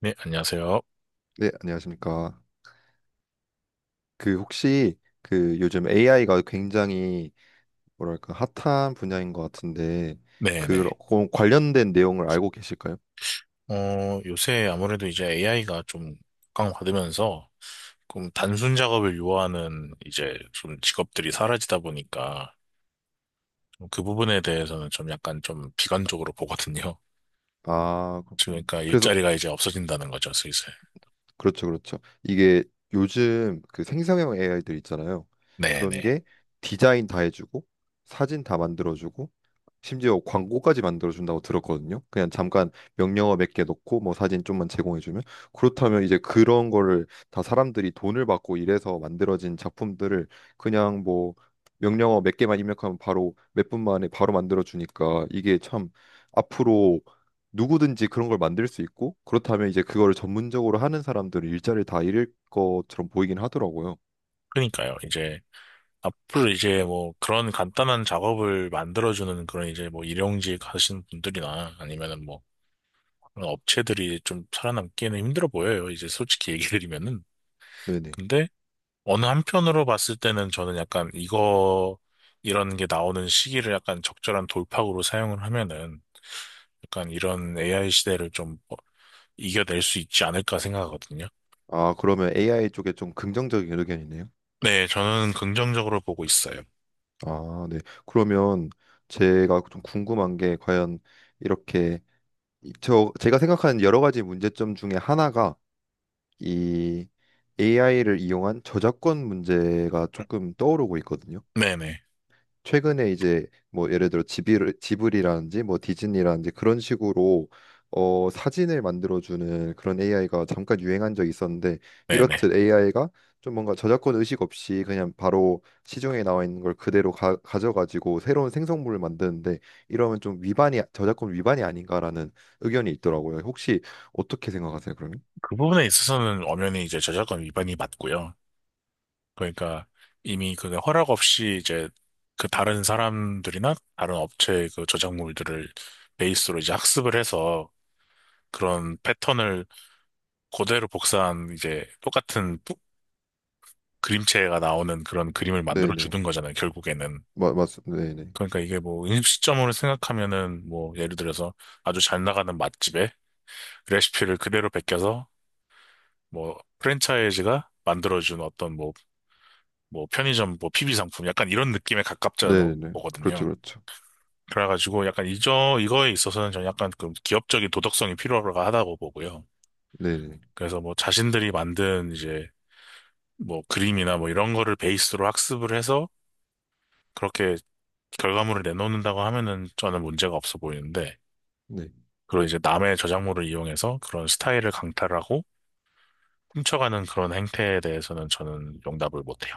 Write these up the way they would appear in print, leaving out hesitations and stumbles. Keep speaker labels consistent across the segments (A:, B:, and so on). A: 네, 안녕하세요.
B: 네, 안녕하십니까. 그 혹시 그 요즘 AI가 굉장히 뭐랄까 핫한 분야인 것 같은데 그
A: 네네.
B: 관련된 내용을 알고 계실까요?
A: 요새 아무래도 이제 AI가 좀 각광받으면서 좀 단순 작업을 요하는 이제 좀 직업들이 사라지다 보니까 좀그 부분에 대해서는 좀 약간 좀 비관적으로 보거든요.
B: 아, 그렇군요.
A: 그러니까
B: 그래서
A: 일자리가 이제 없어진다는 거죠, 슬슬.
B: 그렇죠, 그렇죠. 이게 요즘 그 생성형 AI들 있잖아요. 그런
A: 네네.
B: 게 디자인 다 해주고 사진 다 만들어주고 심지어 광고까지 만들어준다고 들었거든요. 그냥 잠깐 명령어 몇 개 넣고 뭐 사진 좀만 제공해주면 그렇다면 이제 그런 거를 다 사람들이 돈을 받고 이래서 만들어진 작품들을 그냥 뭐 명령어 몇 개만 입력하면 바로 몇 분 만에 바로 만들어주니까 이게 참 앞으로 누구든지 그런 걸 만들 수 있고, 그렇다면 이제 그거를 전문적으로 하는 사람들은 일자리를 다 잃을 것처럼 보이긴 하더라고요.
A: 그러니까요. 이제 앞으로 이제 뭐 그런 간단한 작업을 만들어주는 그런 이제 뭐 일용직 하시는 분들이나 아니면은 뭐 그런 업체들이 좀 살아남기에는 힘들어 보여요. 이제 솔직히 얘기 드리면은.
B: 네네.
A: 근데 어느 한편으로 봤을 때는 저는 약간 이거, 이런 게 나오는 시기를 약간 적절한 돌파구로 사용을 하면은 약간 이런 AI 시대를 좀 이겨낼 수 있지 않을까 생각하거든요.
B: 아, 그러면 AI 쪽에 좀 긍정적인 의견이네요.
A: 네, 저는 긍정적으로 보고 있어요.
B: 아, 네. 그러면 제가 좀 궁금한 게 과연 이렇게 저 제가 생각하는 여러 가지 문제점 중에 하나가 이 AI를 이용한 저작권 문제가 조금 떠오르고 있거든요.
A: 네네,
B: 최근에 이제 뭐 예를 들어 지브리라든지 뭐 디즈니라든지 그런 식으로 사진을 만들어주는 그런 AI가 잠깐 유행한 적이 있었는데,
A: 네네.
B: 이렇듯 AI가 좀 뭔가 저작권 의식 없이 그냥 바로 시중에 나와 있는 걸 그대로 가져가지고 새로운 생성물을 만드는데, 이러면 좀 위반이, 저작권 위반이 아닌가라는 의견이 있더라고요. 혹시 어떻게 생각하세요, 그러면?
A: 그 부분에 있어서는 엄연히 이제 저작권 위반이 맞고요. 그러니까 이미 그 허락 없이 이제 그 다른 사람들이나 다른 업체의 그 저작물들을 베이스로 이제 학습을 해서 그런 패턴을 그대로 복사한 이제 똑같은 그림체가 나오는 그런 그림을 만들어
B: 네네.
A: 주는 거잖아요, 결국에는.
B: 네네.
A: 그러니까 이게 뭐 음식점으로 생각하면은 뭐 예를 들어서 아주 잘 나가는 맛집에 레시피를 그대로 베껴서 뭐 프랜차이즈가 만들어준 어떤 뭐, 뭐 편의점 뭐 PB 상품 약간 이런 느낌에 가깝잖아요.
B: 네네. 그렇죠, 그렇죠.
A: 그래가지고 약간 이저 이거에 있어서는 저는 약간 그 기업적인 도덕성이 필요하다고 보고요.
B: 네네.
A: 그래서 뭐 자신들이 만든 이제 뭐 그림이나 뭐 이런 거를 베이스로 학습을 해서 그렇게 결과물을 내놓는다고 하면은 저는 문제가 없어 보이는데,
B: 네.
A: 그리고 이제 남의 저작물을 이용해서 그런 스타일을 강탈하고 훔쳐가는 그런 행태에 대해서는 저는 용납을 못해요.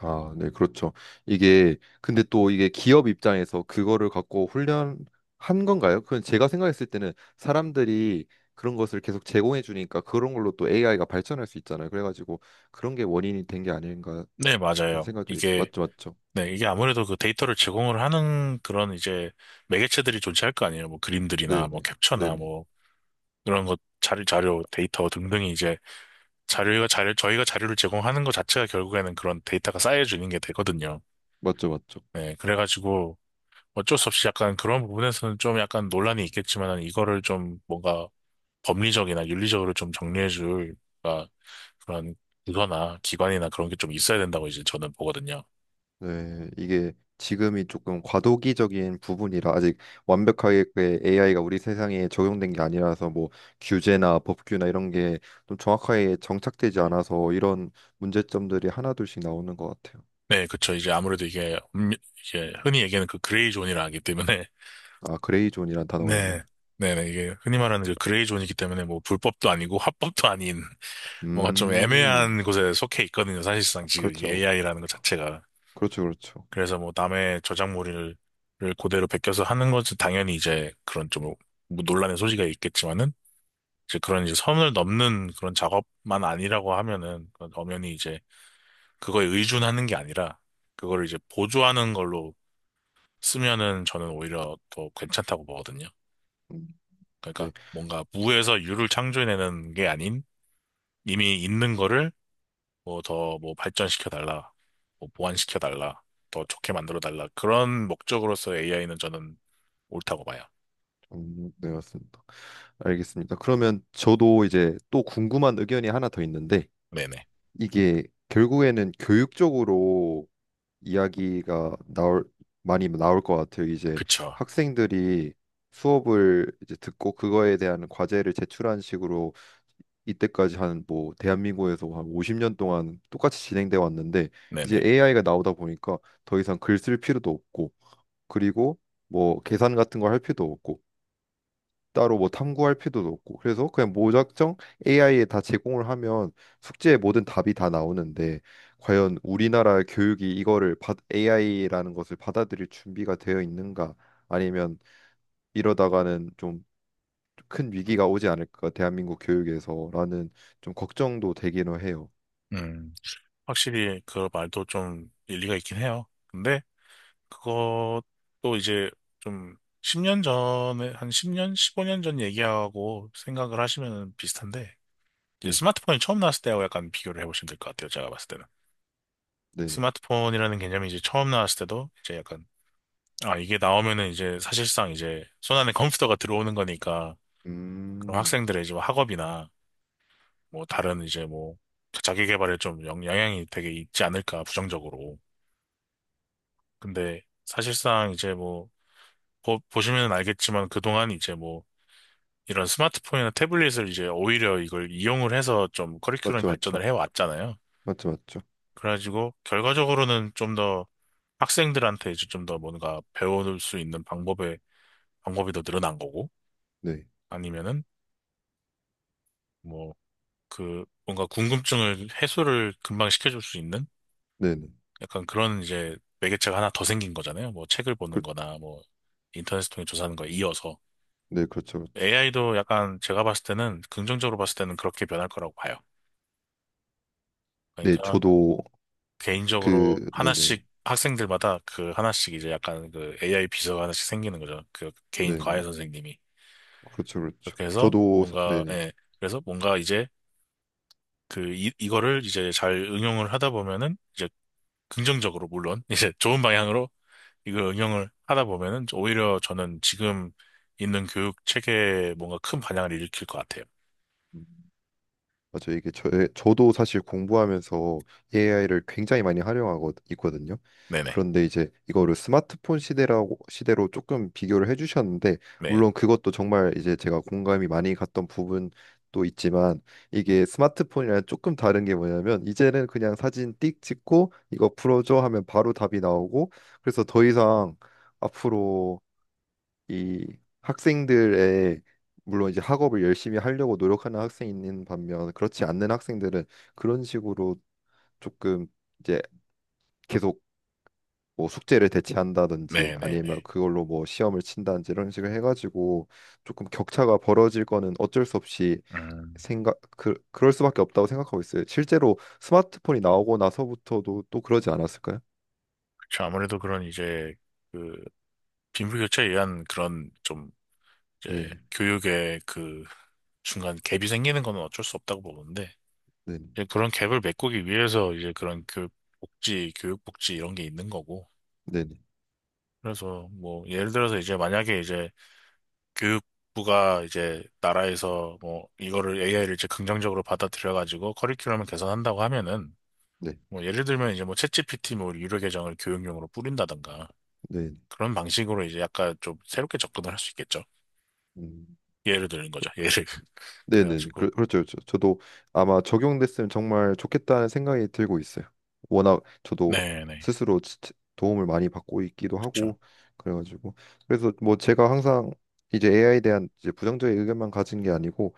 B: 아, 네, 그렇죠. 근데 또 이게 기업 입장에서 그거를 갖고 훈련한 건가요? 그건 제가 생각했을 때는 사람들이 그런 것을 계속 제공해 주니까 그런 걸로 또 AI가 발전할 수 있잖아요. 그래가지고 그런 게 원인이 된 게 아닌가
A: 네,
B: 싶은
A: 맞아요.
B: 생각도 있어요.
A: 이게
B: 맞죠, 맞죠.
A: 네, 이게 아무래도 그 데이터를 제공을 하는 그런 이제 매개체들이 존재할 거 아니에요. 뭐 그림들이나 뭐
B: 네네,
A: 캡처나
B: 네네.
A: 뭐 그런 것 자료, 데이터 등등이 이제 저희가 자료를 제공하는 것 자체가 결국에는 그런 데이터가 쌓여지는 게 되거든요.
B: 맞죠, 맞죠.
A: 네, 그래가지고 어쩔 수 없이 약간 그런 부분에서는 좀 약간 논란이 있겠지만 이거를 좀 뭔가 법리적이나 윤리적으로 좀 정리해줄 그러니까 그런 부서나 기관이나 그런 게 좀 있어야 된다고 이제 저는 보거든요.
B: 네, 이게 지금이 조금 과도기적인 부분이라 아직 완벽하게 AI가 우리 세상에 적용된 게 아니라서 뭐 규제나 법규나 이런 게 좀 정확하게 정착되지 않아서 이런 문제점들이 하나둘씩 나오는 것 같아요.
A: 네, 그쵸. 이제 아무래도 이게, 이게 흔히 얘기하는 그 그레이 존이라 하기 때문에,
B: 아, 그레이존이라는 단어가 있나요?
A: 네, 네네. 이게 흔히 말하는 그 그레이 존이기 때문에 뭐 불법도 아니고 합법도 아닌 뭔가 좀
B: 음,
A: 애매한 곳에 속해 있거든요. 사실상 지금 이
B: 그렇죠.
A: AI라는 것 자체가.
B: 그렇죠, 그렇죠.
A: 그래서 뭐 남의 저작물을 그대로 베껴서 하는 것은 당연히 이제 그런 좀뭐 논란의 소지가 있겠지만은 이제 그런 이제 선을 넘는 그런 작업만 아니라고 하면은 그건 엄연히 이제 그거에 의존하는 게 아니라 그거를 이제 보조하는 걸로 쓰면은 저는 오히려 더 괜찮다고 보거든요.
B: 음,
A: 그러니까
B: 네,
A: 뭔가 무에서 유를 창조해내는 게 아닌 이미 있는 거를 뭐 더 뭐 발전시켜 달라, 뭐 보완시켜 달라, 더 좋게 만들어 달라 그런 목적으로서 AI는 저는 옳다고 봐요.
B: 네, 맞습니다. 알겠습니다. 그러면 저도 이제 또 궁금한 의견이 하나 더 있는데,
A: 네네.
B: 이게 결국에는 교육적으로 이야기가 나올 많이 나올 것 같아요. 이제
A: 그쵸.
B: 학생들이 수업을 이제 듣고 그거에 대한 과제를 제출한 식으로 이때까지 한 뭐 대한민국에서 한 50년 동안 똑같이 진행돼 왔는데, 이제
A: 네네.
B: AI가 나오다 보니까 더 이상 글 쓸 필요도 없고, 그리고 뭐 계산 같은 걸 할 필요도 없고, 따로 뭐 탐구할 필요도 없고, 그래서 그냥 무작정 AI에 다 제공을 하면 숙제의 모든 답이 다 나오는데, 과연 우리나라 교육이 이거를, AI라는 것을 받아들일 준비가 되어 있는가, 아니면 이러다가는 좀 큰 위기가 오지 않을까, 대한민국 교육에서라는 좀 걱정도 되기는 해요.
A: 음. 확실히 그 말도 좀 일리가 있긴 해요. 근데 그것도 이제 좀 10년 전에, 한 10년, 15년 전 얘기하고 생각을 하시면 비슷한데, 이제
B: 네,
A: 스마트폰이 처음 나왔을 때하고 약간 비교를 해보시면 될 것 같아요. 제가 봤을 때는.
B: 네네.
A: 스마트폰이라는 개념이 이제 처음 나왔을 때도 이제 약간, 아, 이게 나오면은 이제 사실상 이제 손안에 컴퓨터가 들어오는 거니까, 그럼
B: 음,
A: 학생들의 이제 뭐 학업이나 뭐 다른 이제 뭐 자기 개발에 좀 영향이 되게 있지 않을까, 부정적으로. 근데 사실상 이제 뭐 보시면 알겠지만 그동안 이제 뭐 이런 스마트폰이나 태블릿을 이제 오히려 이걸 이용을 해서 좀 커리큘럼이
B: 맞죠,
A: 발전을
B: 맞죠,
A: 해왔잖아요.
B: 맞죠, 맞죠.
A: 그래가지고 결과적으로는 좀 더 학생들한테 이제 좀 더 뭔가 배울 수 있는 방법의 방법이 더 늘어난 거고
B: 네,
A: 아니면은 뭐 그 뭔가 궁금증을 해소를 금방 시켜줄 수 있는
B: 네네.
A: 약간 그런 이제 매개체가 하나 더 생긴 거잖아요. 뭐 책을 보는
B: 그,
A: 거나 뭐 인터넷을 통해 조사하는 거에 이어서.
B: 네, 그렇죠, 그렇죠.
A: AI도 약간 제가 봤을 때는 긍정적으로 봤을 때는 그렇게 변할 거라고 봐요.
B: 네,
A: 그러니까
B: 저도
A: 개인적으로
B: 네네,
A: 하나씩 학생들마다 그 하나씩 이제 약간 그 AI 비서가 하나씩 생기는 거죠. 그 개인
B: 네네.
A: 과외 선생님이.
B: 그렇죠, 그렇죠.
A: 그렇게 해서
B: 저도
A: 뭔가
B: 네네.
A: 예. 그래서 뭔가 이제 그 이거를 이제 잘 응용을 하다 보면은 이제 긍정적으로 물론 이제 좋은 방향으로 이걸 응용을 하다 보면은 오히려 저는 지금 있는 교육 체계에 뭔가 큰 반향을 일으킬 것 같아요.
B: 음, 맞아요. 이게 저도 사실 공부하면서 AI를 굉장히 많이 활용하고 있거든요.
A: 네네.
B: 그런데 이제 이거를 스마트폰 시대라고 시대로 조금 비교를 해주셨는데,
A: 네.
B: 물론 그것도 정말 이제 제가 공감이 많이 갔던 부분도 있지만, 이게 스마트폰이랑 조금 다른 게 뭐냐면 이제는 그냥 사진 띡 찍고 이거 풀어줘 하면 바로 답이 나오고. 그래서 더 이상 앞으로 이 학생들의, 물론 이제 학업을 열심히 하려고 노력하는 학생이 있는 반면 그렇지 않는 학생들은 그런 식으로 조금 이제 계속 뭐 숙제를 대체한다든지 아니면
A: 네네네.
B: 그걸로 뭐 시험을 친다든지 이런 식으로 해가지고 조금 격차가 벌어질 거는 어쩔 수 없이 생각 그럴 수밖에 없다고 생각하고 있어요. 실제로 스마트폰이 나오고 나서부터도 또 그러지 않았을까요?
A: 그쵸, 아무래도 그런 이제 그 빈부격차에 의한 그런 좀
B: 네,
A: 이제 교육의 그 중간 갭이 생기는 건 어쩔 수 없다고 보는데
B: 네,
A: 이제 그런 갭을 메꾸기 위해서 이제 그런 교육 복지 이런 게 있는 거고
B: 네,
A: 그래서 뭐 예를 들어서 이제 만약에 이제 교육부가 이제 나라에서 뭐 이거를 AI를 이제 긍정적으로 받아들여 가지고 커리큘럼을 개선한다고 하면은
B: 네, 네,
A: 뭐 예를 들면 이제 뭐 챗GPT 뭐 유료 계정을 교육용으로 뿌린다던가
B: 네.
A: 그런 방식으로 이제 약간 좀 새롭게 접근을 할 수 있겠죠.
B: 음.
A: 예를 드는 거죠. 예를.
B: 네네.
A: 그래가지고.
B: 그렇죠, 그렇죠. 저도 아마 적용됐으면 정말 좋겠다는 생각이 들고 있어요. 워낙 저도
A: 네네.
B: 스스로 도움을 많이 받고 있기도
A: 그쵸.
B: 하고. 그래가지고 그래서 뭐 제가 항상 이제 AI에 대한 이제 부정적인 의견만 가진 게 아니고,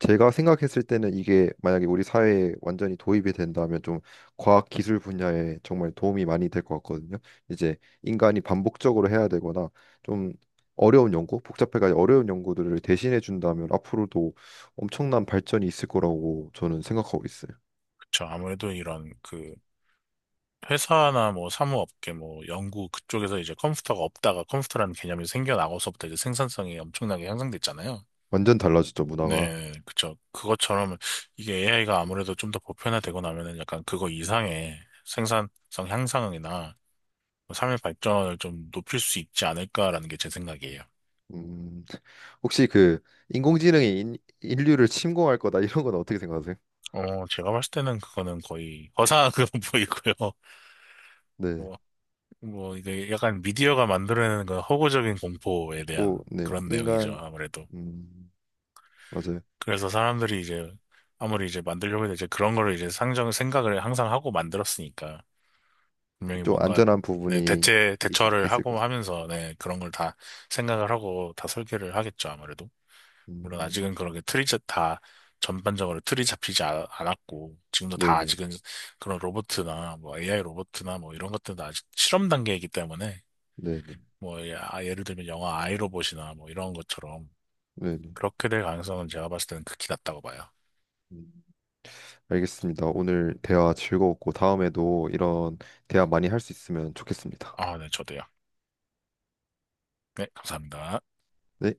B: 제가 생각했을 때는 이게 만약에 우리 사회에 완전히 도입이 된다면 좀 과학 기술 분야에 정말 도움이 많이 될 것 같거든요. 이제 인간이 반복적으로 해야 되거나 좀 어려운 연구, 복잡해가지고 어려운 연구들을 대신해 준다면 앞으로도 엄청난 발전이 있을 거라고 저는 생각하고 있어요.
A: 그쵸. 아무래도 이런 그 회사나 뭐 사무업계 뭐 연구 그쪽에서 이제 컴퓨터가 없다가 컴퓨터라는 개념이 생겨나고서부터 이제 생산성이 엄청나게 향상됐잖아요.
B: 완전 달라졌죠, 문화가.
A: 네, 그쵸. 그것처럼 이게 AI가 아무래도 좀 더 보편화되고 나면은 약간 그거 이상의 생산성 향상이나 뭐 삶의 발전을 좀 높일 수 있지 않을까라는 게 제 생각이에요.
B: 음, 혹시 그 인공지능이 인류를 침공할 거다 이런 건 어떻게 생각하세요?
A: 제가 봤을 때는 그거는 거의 허상 그런 보이고요.
B: 네,
A: 뭐, 뭐, 이게 약간 미디어가 만들어내는 그 허구적인 공포에 대한
B: 뭐, 네,
A: 그런 내용이죠,
B: 인간,
A: 아무래도.
B: 음, 맞아요.
A: 그래서 사람들이 이제, 아무리 이제 만들려고 해도 이제 그런 거를 이제 생각을 항상 하고 만들었으니까. 분명히
B: 좀
A: 뭔가,
B: 안전한
A: 네,
B: 부분이
A: 대처를
B: 있, 을
A: 하고
B: 거지.
A: 하면서, 네, 그런 걸 다 생각을 하고 다 설계를 하겠죠, 아무래도. 물론
B: 음,
A: 아직은 그렇게 틀이 다 전반적으로 틀이 잡히지 않았고 지금도 다
B: 네네,
A: 아직은 그런 로봇이나 뭐 AI 로봇이나 뭐 이런 것들도 아직 실험 단계이기 때문에
B: 네네,
A: 뭐 아, 예를 들면 영화 아이로봇이나 뭐 이런 것처럼
B: 네네.
A: 그렇게 될 가능성은 제가 봤을 때는 극히 낮다고 봐요.
B: 음, 알겠습니다. 오늘 대화 즐거웠고 다음에도 이런 대화 많이 할 수 있으면 좋겠습니다.
A: 아, 네, 저도요. 네, 감사합니다.
B: 네.